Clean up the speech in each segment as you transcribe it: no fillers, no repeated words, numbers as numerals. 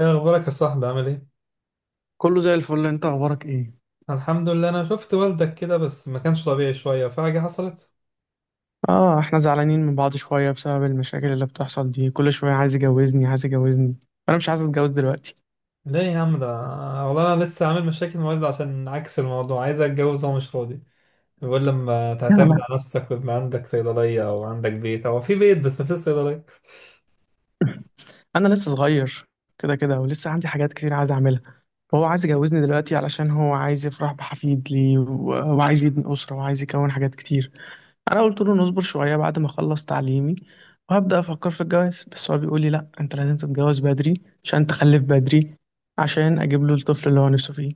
ايه اخبارك يا صاحبي، عامل ايه؟ كله زي الفل، انت اخبارك ايه؟ الحمد لله. انا شفت والدك كده بس ما كانش طبيعي شويه، في حاجه حصلت؟ اه، احنا زعلانين من بعض شوية بسبب المشاكل اللي بتحصل دي. كل شوية عايز يجوزني، عايز يجوزني. انا مش عايز اتجوز دلوقتي. ليه يا عم ده؟ والله انا لسه عامل مشاكل مع والدي عشان عكس الموضوع، عايز اتجوز وهو مش فاضي. بيقول لما لا، تعتمد لا. على نفسك ويبقى عندك صيدليه او عندك بيت، او في بيت بس مفيش صيدليه. انا لسه صغير. كده كده ولسه عندي حاجات كتير عايز اعملها. وهو عايز يجوزني دلوقتي علشان هو عايز يفرح بحفيد لي وعايز يبني أسرة وعايز يكون حاجات كتير. انا قلت له نصبر شوية بعد ما اخلص تعليمي وهبدأ افكر في الجواز. بس هو بيقول لي: لا، انت لازم تتجوز بدري عشان تخلف بدري، عشان اجيب له الطفل اللي هو نفسه فيه.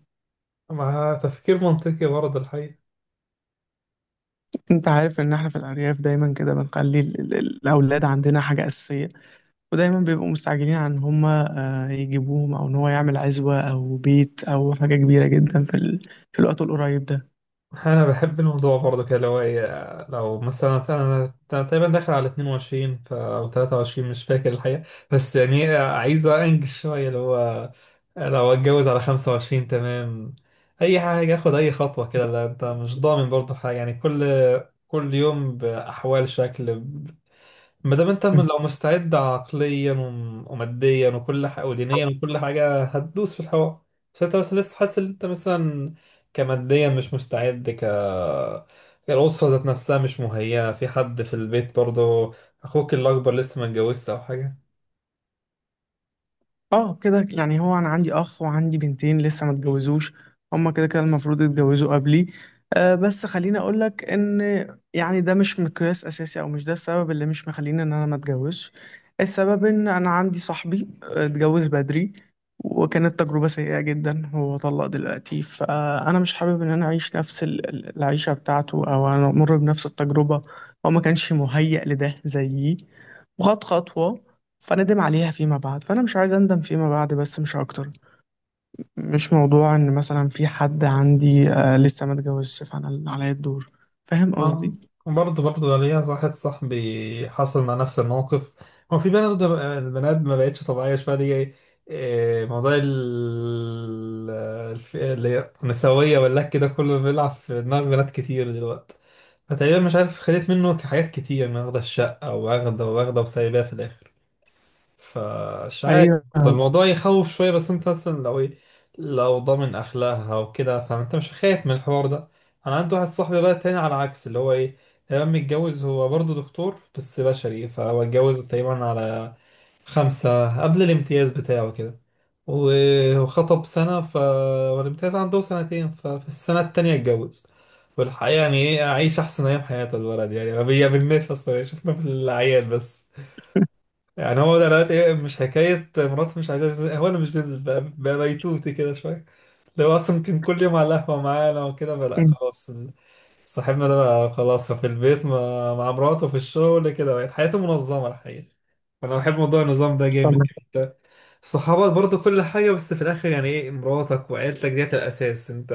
مع تفكير منطقي برضه الحقيقه. انت عارف ان احنا في الارياف دايما كده بنخلي الاولاد عندنا حاجه اساسيه. ودايما بيبقوا مستعجلين عن ان هم يجيبوهم، او ان هو يعمل عزوه او بيت او حاجه كبيره جدا في الوقت القريب ده. انا بحب الموضوع برضه كده، لو لو مثلا انا تقريبا داخل على 22 او 23، مش فاكر الحقيقه. بس يعني عايز انجز شويه اللي هو لو اتجوز على 25، تمام. اي حاجه، اخد اي خطوه كده، لا انت مش ضامن برضه حاجه. يعني كل يوم باحوال شكل ما دام انت لو مستعد عقليا وماديا وكل حاجه ودينيا، وكل حاجه هتدوس في الحوار. بس انت بس لسه حاسس ان انت مثلا كماديا مش مستعد الأسرة ذات نفسها مش مهيئة، في حد في البيت برضه؟ أخوك الأكبر لسه ما اتجوزش أو حاجة؟ اه، كده. يعني هو انا عندي اخ وعندي بنتين لسه ما اتجوزوش. هما كده كده المفروض يتجوزوا قبلي. آه، بس خليني اقول لك ان يعني ده مش مقياس اساسي او مش ده السبب اللي مش مخليني ان انا ما اتجوزش. السبب ان انا عندي صاحبي اتجوز بدري وكانت تجربة سيئة جدا. هو طلق دلوقتي، فانا مش حابب ان انا اعيش نفس العيشة بتاعته او انا امر بنفس التجربة. هو ما كانش مهيأ لده زيي، وخد خطوة فندم عليها فيما بعد، فانا مش عايز اندم فيما بعد، بس مش اكتر. مش موضوع ان مثلا في حد عندي لسه ما اتجوزش فانا اللي عليا الدور. فاهم آه، قصدي؟ برضه ليا واحد صاحبي حصل مع نفس الموقف. هو في بنات، البنات ما بقتش طبيعية شوية دي. موضوع اللي هي النسوية والله كده، كله بيلعب في دماغ بنات كتير دلوقتي. فتقريبا مش عارف، خدت منه حاجات كتير، إنه واخدة الشقة واخدة واخدة وسايباها في الآخر. فمش عارف. ايوه. ده الموضوع يخوف شوية، بس انت مثلا لو ايه، لو ضامن اخلاقها وكده فانت مش خايف من الحوار ده. انا عندي واحد صاحبي بقى تاني على العكس، اللي هو ايه، لما متجوز هو برضه دكتور بس بشري، فهو اتجوز تقريبا على خمسة قبل الامتياز بتاعه كده، وخطب سنة، ف والامتياز عنده سنتين، ففي السنة التانية اتجوز. والحقيقة يعني ايه، عايش أحسن أيام حياته الولد، يعني ما بيقابلناش أصلا، يعني شفنا في الأعياد بس. يعني هو ده دلوقتي مش حكاية مراته مش عايزة تنزل، هو أنا مش بنزل بقى بيتوتي كده شوية. لو أصلا كان كل يوم على القهوة معانا وكده، بقى لأ خلاص. صاحبنا ده بقى خلاص في البيت مع مراته، في الشغل كده، بقت حياته منظمة الحقيقة. فأنا بحب موضوع النظام ده طب، جامد. أنت صحابك برضه كل حاجة، بس في الآخر يعني مراتك وعيلتك ديت الأساس. أنت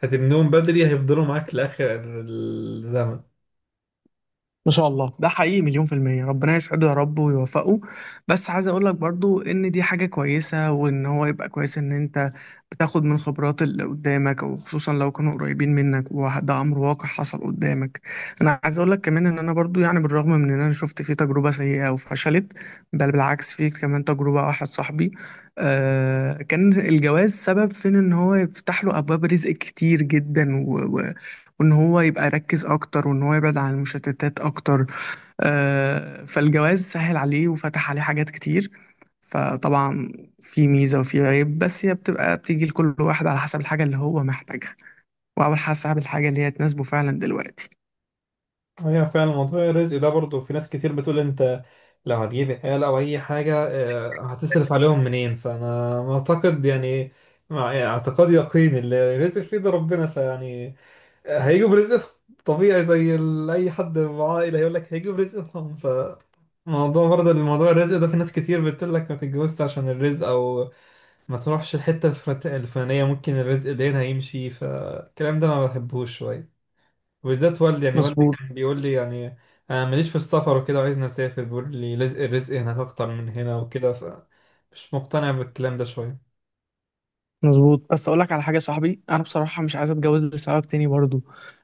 هتبنيهم بدري هيفضلوا معاك لآخر الزمن. ما شاء الله، ده حقيقي مليون في المية. ربنا يسعده يا رب ويوفقه. بس عايز اقولك برضو ان دي حاجة كويسة، وان هو يبقى كويس ان انت بتاخد من خبرات اللي قدامك، او خصوصا لو كانوا قريبين منك، وده امر واقع حصل قدامك. انا عايز اقولك كمان ان انا برضو يعني بالرغم من ان انا شفت فيه تجربة سيئة وفشلت، بل بالعكس، فيه كمان تجربة واحد صاحبي كان الجواز سبب في ان هو يفتح له ابواب رزق كتير جدا، وان هو يبقى يركز اكتر، وان هو يبعد عن المشتتات اكتر. فالجواز سهل عليه وفتح عليه حاجات كتير. فطبعا، في ميزة وفي عيب، بس هي بتبقى بتيجي لكل واحد على حسب الحاجة اللي هو محتاجها، وعلى حسب الحاجة اللي هي تناسبه فعلا دلوقتي. هي فعلا موضوع الرزق ده برضه، في ناس كتير بتقول انت لو هتجيب آلة او اي حاجة هتصرف عليهم منين. فانا معتقد، يعني مع يعني اعتقاد يقين اللي الرزق في ايد ربنا، فيعني هيجوا برزقهم، طبيعي زي اي حد معاه عائلة هيقول لك هيجوا برزقهم. ف موضوع برضه الموضوع الرزق ده، في ناس كتير بتقول لك ما تتجوزش عشان الرزق، او ما تروحش الحتة الفلانية ممكن الرزق اللي هنا هيمشي. فالكلام ده ما بحبوش شوية، وبالذات والدي، يعني والدي مظبوط، كان بيقول لي، يعني انا ماليش في السفر وكده، وعايزني اسافر، بيقول لي رزق الرزق هناك اكتر من هنا وكده. ف مش مقتنع بالكلام ده شويه. مظبوط. بس اقول لك على حاجه يا صاحبي، انا بصراحه مش عايز اتجوز لسبب تاني برضو.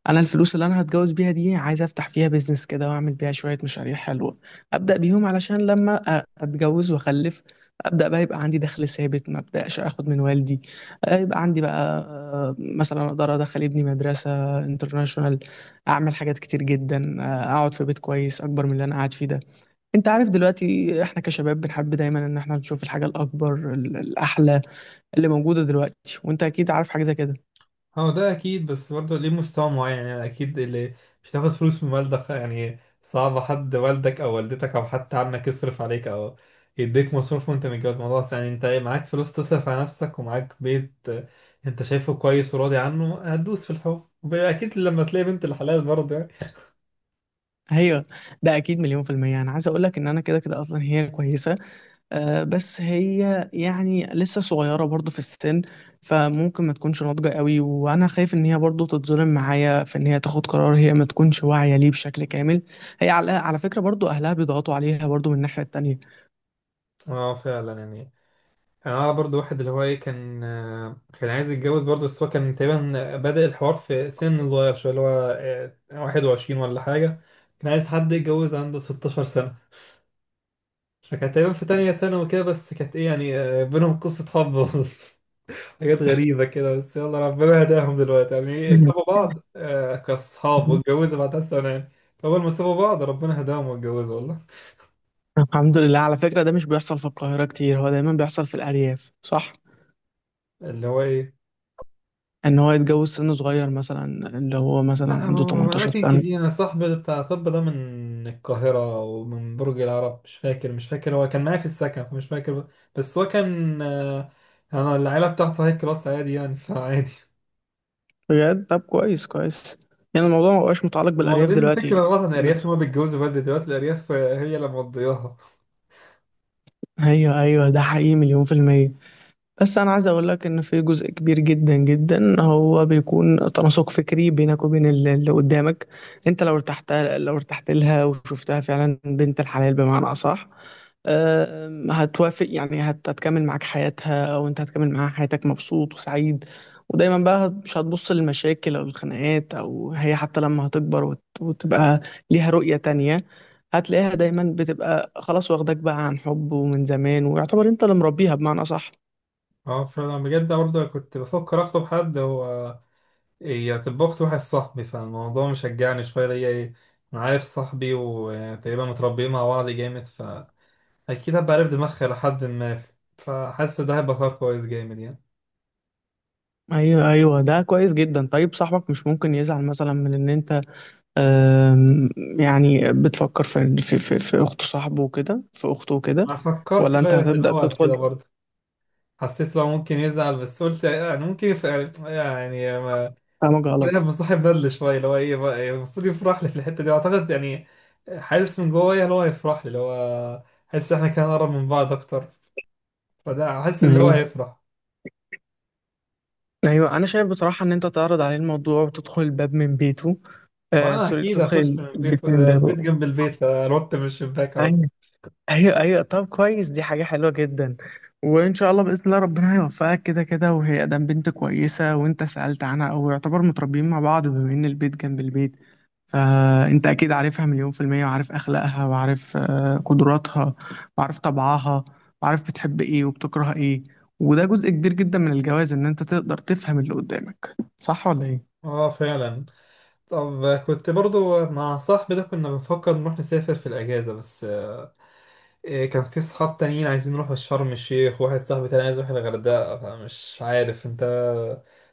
انا الفلوس اللي انا هتجوز بيها دي عايز افتح فيها بيزنس كده واعمل بيها شويه مشاريع حلوه، ابدا بيهم علشان لما اتجوز واخلف، ابدا بقى يبقى عندي دخل ثابت، ما ابداش اخد من والدي. يبقى عندي بقى مثلا اقدر ادخل ابني مدرسه انترناشونال، اعمل حاجات كتير جدا، اقعد في بيت كويس اكبر من اللي انا قاعد فيه ده. انت عارف دلوقتي احنا كشباب بنحب دايما ان احنا نشوف الحاجه الاكبر، الاحلى، اللي موجوده دلوقتي. وانت اكيد عارف حاجه زي كده. هو ده اكيد، بس برضه ليه مستوى معين، يعني اكيد اللي مش هتاخد فلوس من والدك، يعني صعب حد والدك او والدتك او حتى عمك يصرف عليك او يديك مصروف وانت متجوز. الموضوع بس يعني انت معاك فلوس تصرف على نفسك ومعاك بيت انت شايفه كويس وراضي عنه، هتدوس في الحب اكيد لما تلاقي بنت الحلال برضه يعني. هي ده اكيد مليون في الميه. انا عايز اقول لك ان انا كده كده اصلا هي كويسه. بس هي يعني لسه صغيره برضو في السن، فممكن ما تكونش ناضجه قوي. وانا خايف ان هي برضو تتظلم معايا في ان هي تاخد قرار هي ما تكونش واعيه ليه بشكل كامل. هي على فكره برضو اهلها بيضغطوا عليها برضو من الناحيه التانيه. اه فعلا يعني. يعني انا اعرف برضو واحد اللي هو ايه، كان كان عايز يتجوز برضو، بس هو كان تقريبا بادئ الحوار في سن صغير شويه اللي هو آه، 21 ولا حاجه. كان عايز حد يتجوز عنده 16 سنه. فكانت تقريبا في تانية سنة وكده، بس كانت ايه يعني آه، بينهم قصة حب. حاجات غريبة كده، بس يلا ربنا هداهم دلوقتي، يعني سابوا بعض كأصحاب، واتجوزوا بعدها سنة يعني. فأول ما سابوا بعض ربنا هداهم واتجوزوا والله. الحمد لله. على فكرة، ده مش بيحصل في القاهرة كتير، هو دايما بيحصل في الأرياف، صح؟ اللي هو ايه؟ ان هو يتجوز سن صغير مثلا، اللي هو مثلا لا عنده 18 أماكن سنة. كتير. أنا صاحبي بتاع طب ده من القاهرة، ومن برج العرب مش فاكر، مش فاكر، هو كان معايا في السكن فمش فاكر. بس هو كان أنا العيلة بتاعته هاي كلاس عادي، يعني فعادي. بجد؟ طب كويس كويس. يعني الموضوع ما بقاش متعلق هم بالأرياف واخدين دلوقتي. فكرة غلط عن الأرياف، هما بيتجوزوا بدري دلوقتي الأرياف، هي اللي مقضياها. ايوه، ايوه، ده حقيقي مليون في المية. بس انا عايز اقول لك ان في جزء كبير جدا جدا هو بيكون تناسق فكري بينك وبين اللي قدامك. انت لو ارتحت، لها وشفتها فعلا بنت الحلال بمعنى اصح، هتوافق. يعني هتكمل معاك حياتها وانت هتكمل معاها حياتك، مبسوط وسعيد. ودايما بقى مش هتبص للمشاكل او الخناقات، او هي حتى لما هتكبر وتبقى ليها رؤية تانية، هتلاقيها دايما بتبقى خلاص واخداك بقى عن حب ومن زمان، ويعتبر انت اللي مربيها بمعنى صح. اه فأنا بجد برضه كنت بفكر أخطب حد، هو هي تبقى أخت واحد صاحبي، فالموضوع مشجعني شوية ليا أنا عارف صاحبي وتقريبا متربيين مع بعض جامد، اكيد هبقى عارف دماغها لحد ما، فحاسس ده هيبقى قرار كويس جامد يعني. ايوه، ايوه، ده كويس جدا. طيب، صاحبك مش ممكن يزعل مثلا من ان انت آم، يعني بتفكر في اخت صاحبه وكده، في اخته وكده، انا فكرت ولا انت بقى في هتبدأ الاول تدخل كده برضه، حسيت لو ممكن يزعل، بس قلت يعني ممكن يعني ما، فاهمك كده غلط؟ مصاحب بدل شويه اللي هو بقى، يعني المفروض يفرح لي في الحته دي اعتقد يعني. حاسس من جوايا اللي هو هيفرح لي، اللي هو حاسس احنا كان قرب من بعض اكتر، فده حاسس اللي هو أيوه. هيفرح. أيوه، أنا شايف بصراحة إن أنت تعرض عليه الموضوع وتدخل الباب من بيته. وانا سوري، اكيد هخش تدخل من البيت البيت من ده، بابه. البيت جنب البيت، فنط من الشباك على طول. أيوه، أيوه، أيوه، طب كويس، دي حاجة حلوة جدًا. وإن شاء الله بإذن الله ربنا هيوفقك كده، كده. وهي أدام بنت كويسة وأنت سألت عنها، أو يعتبر متربيين مع بعض بما إن البيت جنب البيت. فأنت أكيد عارفها مليون في المية، وعارف أخلاقها، وعارف قدراتها، وعارف طبعها، وعارف بتحب إيه وبتكره إيه. وده جزء كبير جدا من الجواز إن أنت تقدر تفهم اللي قدامك، صح ولا إيه؟ اه فعلا. طب كنت برضو مع صاحبي ده كنا بنفكر نروح نسافر في الأجازة، بس كان في صحاب تانيين عايزين نروح شرم الشيخ، وواحد صاحبي تاني عايز يروح الغردقة، فمش عارف انت،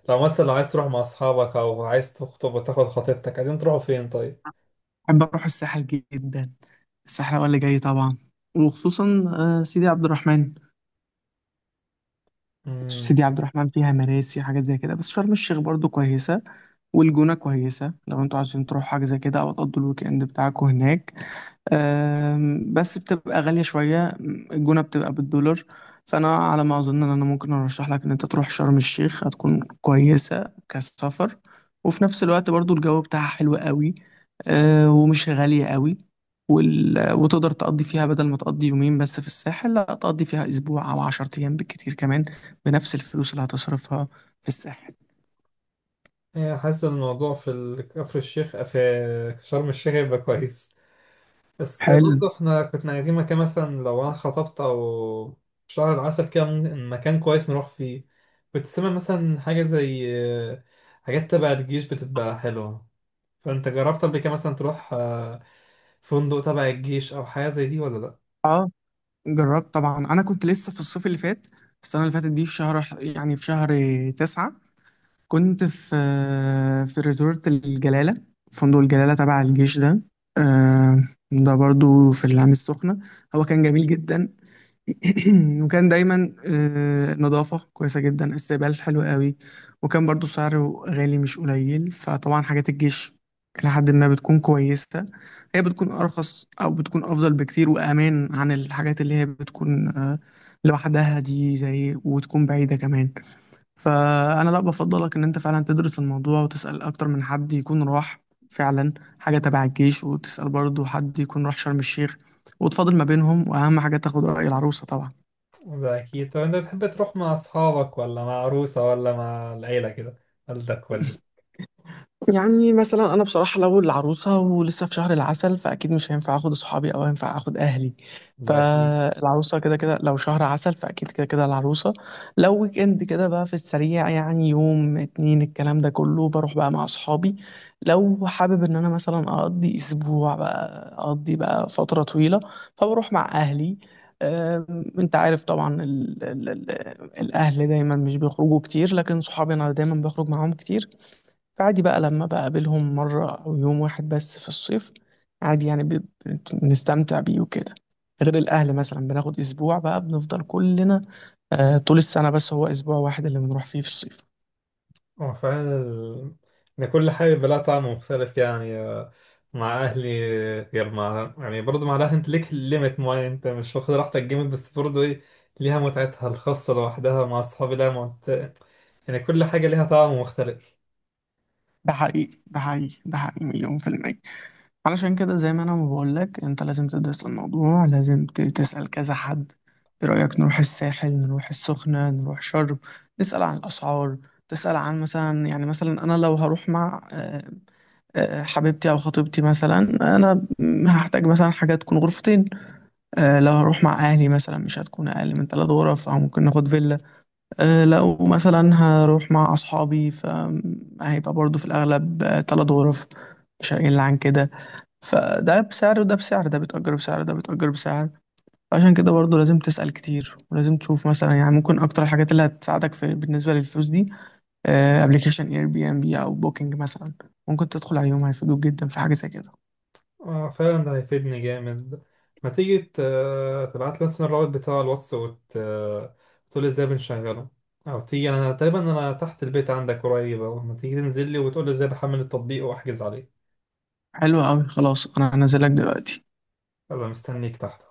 لو مثلا لو عايز تروح مع أصحابك أو عايز تخطب وتاخد خطيبتك، عايزين تروحوا فين طيب؟ بحب أروح الساحل جدا. الساحل هو اللي جاي طبعا، وخصوصا سيدي عبد الرحمن. مم. سيدي عبد الرحمن فيها مراسي حاجات زي كده، بس شرم الشيخ برضو كويسة، والجونة كويسة لو انتوا عايزين تروحوا حاجة زي كده أو تقضوا الويك إند بتاعكم هناك. بس بتبقى غالية شوية، الجونة بتبقى بالدولار. فأنا على ما أظن إن أنا ممكن أرشح لك إن أنت تروح شرم الشيخ. هتكون كويسة كسفر، وفي نفس الوقت برضو الجو بتاعها حلو قوي، ومش غالية قوي. وتقدر تقضي فيها بدل ما تقضي يومين بس في الساحل، لا تقضي فيها أسبوع أو 10 أيام بالكتير كمان، بنفس الفلوس اللي هتصرفها في الساحل. حاسس إن الموضوع في كفر الشيخ، في شرم الشيخ يبقى كويس. بس حلو. برضه احنا كنا عايزين مكان، مثلا لو انا خطبت او شهر العسل كده، ممكن مكان كويس نروح فيه. كنت سامع مثلا حاجة زي آه، حاجات تبع الجيش بتبقى حلوة. فانت جربت قبل كده مثلا تروح فندق تبع الجيش او حاجة زي دي ولا لا؟ اه، جربت طبعا. انا كنت لسه في الصيف اللي فات، السنه اللي فاتت دي، في شهر 9. كنت في ريزورت الجلاله، فندق الجلاله تبع الجيش ده، آه، ده برضو في العين السخنه. هو كان جميل جدا. وكان دايما نظافة كويسة جدا، استقبال حلو قوي، وكان برضو سعره غالي مش قليل. فطبعا حاجات الجيش إلى حد ما بتكون كويسة، هي بتكون أرخص أو بتكون أفضل بكتير وأمان عن الحاجات اللي هي بتكون لوحدها دي، زي وتكون بعيدة كمان. فأنا لا، بفضلك إن أنت فعلا تدرس الموضوع وتسأل أكتر من حد يكون راح فعلا حاجة تبع الجيش، وتسأل برضو حد يكون راح شرم الشيخ، وتفاضل ما بينهم. وأهم حاجة تاخد رأي العروسة طبعا. ده اكيد. طب انت بتحب تروح مع اصحابك ولا مع عروسة ولا مع العيلة كده، والدك؟ يعني مثلا انا بصراحه لو العروسه ولسه في شهر العسل، فاكيد مش هينفع اخد صحابي او هينفع اخد اهلي. ده اكيد. فالعروسه كده كده، لو شهر عسل فاكيد كده كده العروسه. لو ويك اند كده بقى في السريع، يعني يوم اتنين، الكلام ده كله بروح بقى مع صحابي. لو حابب ان انا مثلا اقضي اسبوع بقى، اقضي بقى فتره طويله، فبروح مع اهلي. انت عارف طبعا ال ال ال الاهل دايما مش بيخرجوا كتير، لكن صحابي انا دايما بخرج معاهم كتير. فعادي بقى لما بقابلهم مرة أو يوم واحد بس في الصيف، عادي. يعني بنستمتع بيه وكده. غير الأهل مثلا بناخد أسبوع بقى بنفضل كلنا طول السنة. بس هو أسبوع واحد اللي بنروح فيه في الصيف. هو فعلا إن كل حاجة بلا طعم مختلف يعني مع أهلي غير مع، يعني برضه مع الأهل، أنت ليك ليميت معين، أنت مش واخد راحتك جامد، بس برضه ليها متعتها الخاصة لوحدها، مع أصحابي لها يعني كل حاجة ليها طعم مختلف. ده حقيقي، ده حقيقي، ده حقيقي، مليون في المية. علشان كده زي ما أنا ما بقولك، أنت لازم تدرس الموضوع، لازم تسأل كذا حد. إيه رأيك نروح الساحل، نروح السخنة، نروح شرم، نسأل عن الأسعار؟ تسأل عن مثلا، يعني مثلا أنا لو هروح مع حبيبتي او خطيبتي مثلا، انا هحتاج مثلا حاجه تكون غرفتين. لو هروح مع اهلي مثلا، مش هتكون اقل من 3 غرف، او ممكن ناخد فيلا. لو مثلا هروح مع اصحابي، فهيبقى برضو في الاغلب 3 غرف، مش هيقل عن كده. فده بسعر، وده بسعر، ده بيتأجر بسعر، ده بيتأجر بسعر. عشان كده برضو لازم تسأل كتير، ولازم تشوف مثلا، يعني ممكن اكتر الحاجات اللي هتساعدك في بالنسبة للفلوس دي: ابلكيشن اير بي ام بي او بوكينج مثلا. ممكن تدخل عليهم، هيفيدوك جدا في حاجة زي كده. فعلا ده هيفيدني جامد. ما تيجي تبعت لي مثلا الرابط بتاع الوصف، تقول إزاي بنشغله. أو تيجي، أنا تقريبا أنا تحت البيت عندك قريب أهو، ما تيجي تنزل لي وتقول لي إزاي بحمل التطبيق وأحجز عليه. حلو قوي. خلاص، انا هنزلك دلوقتي. يلا مستنيك تحت.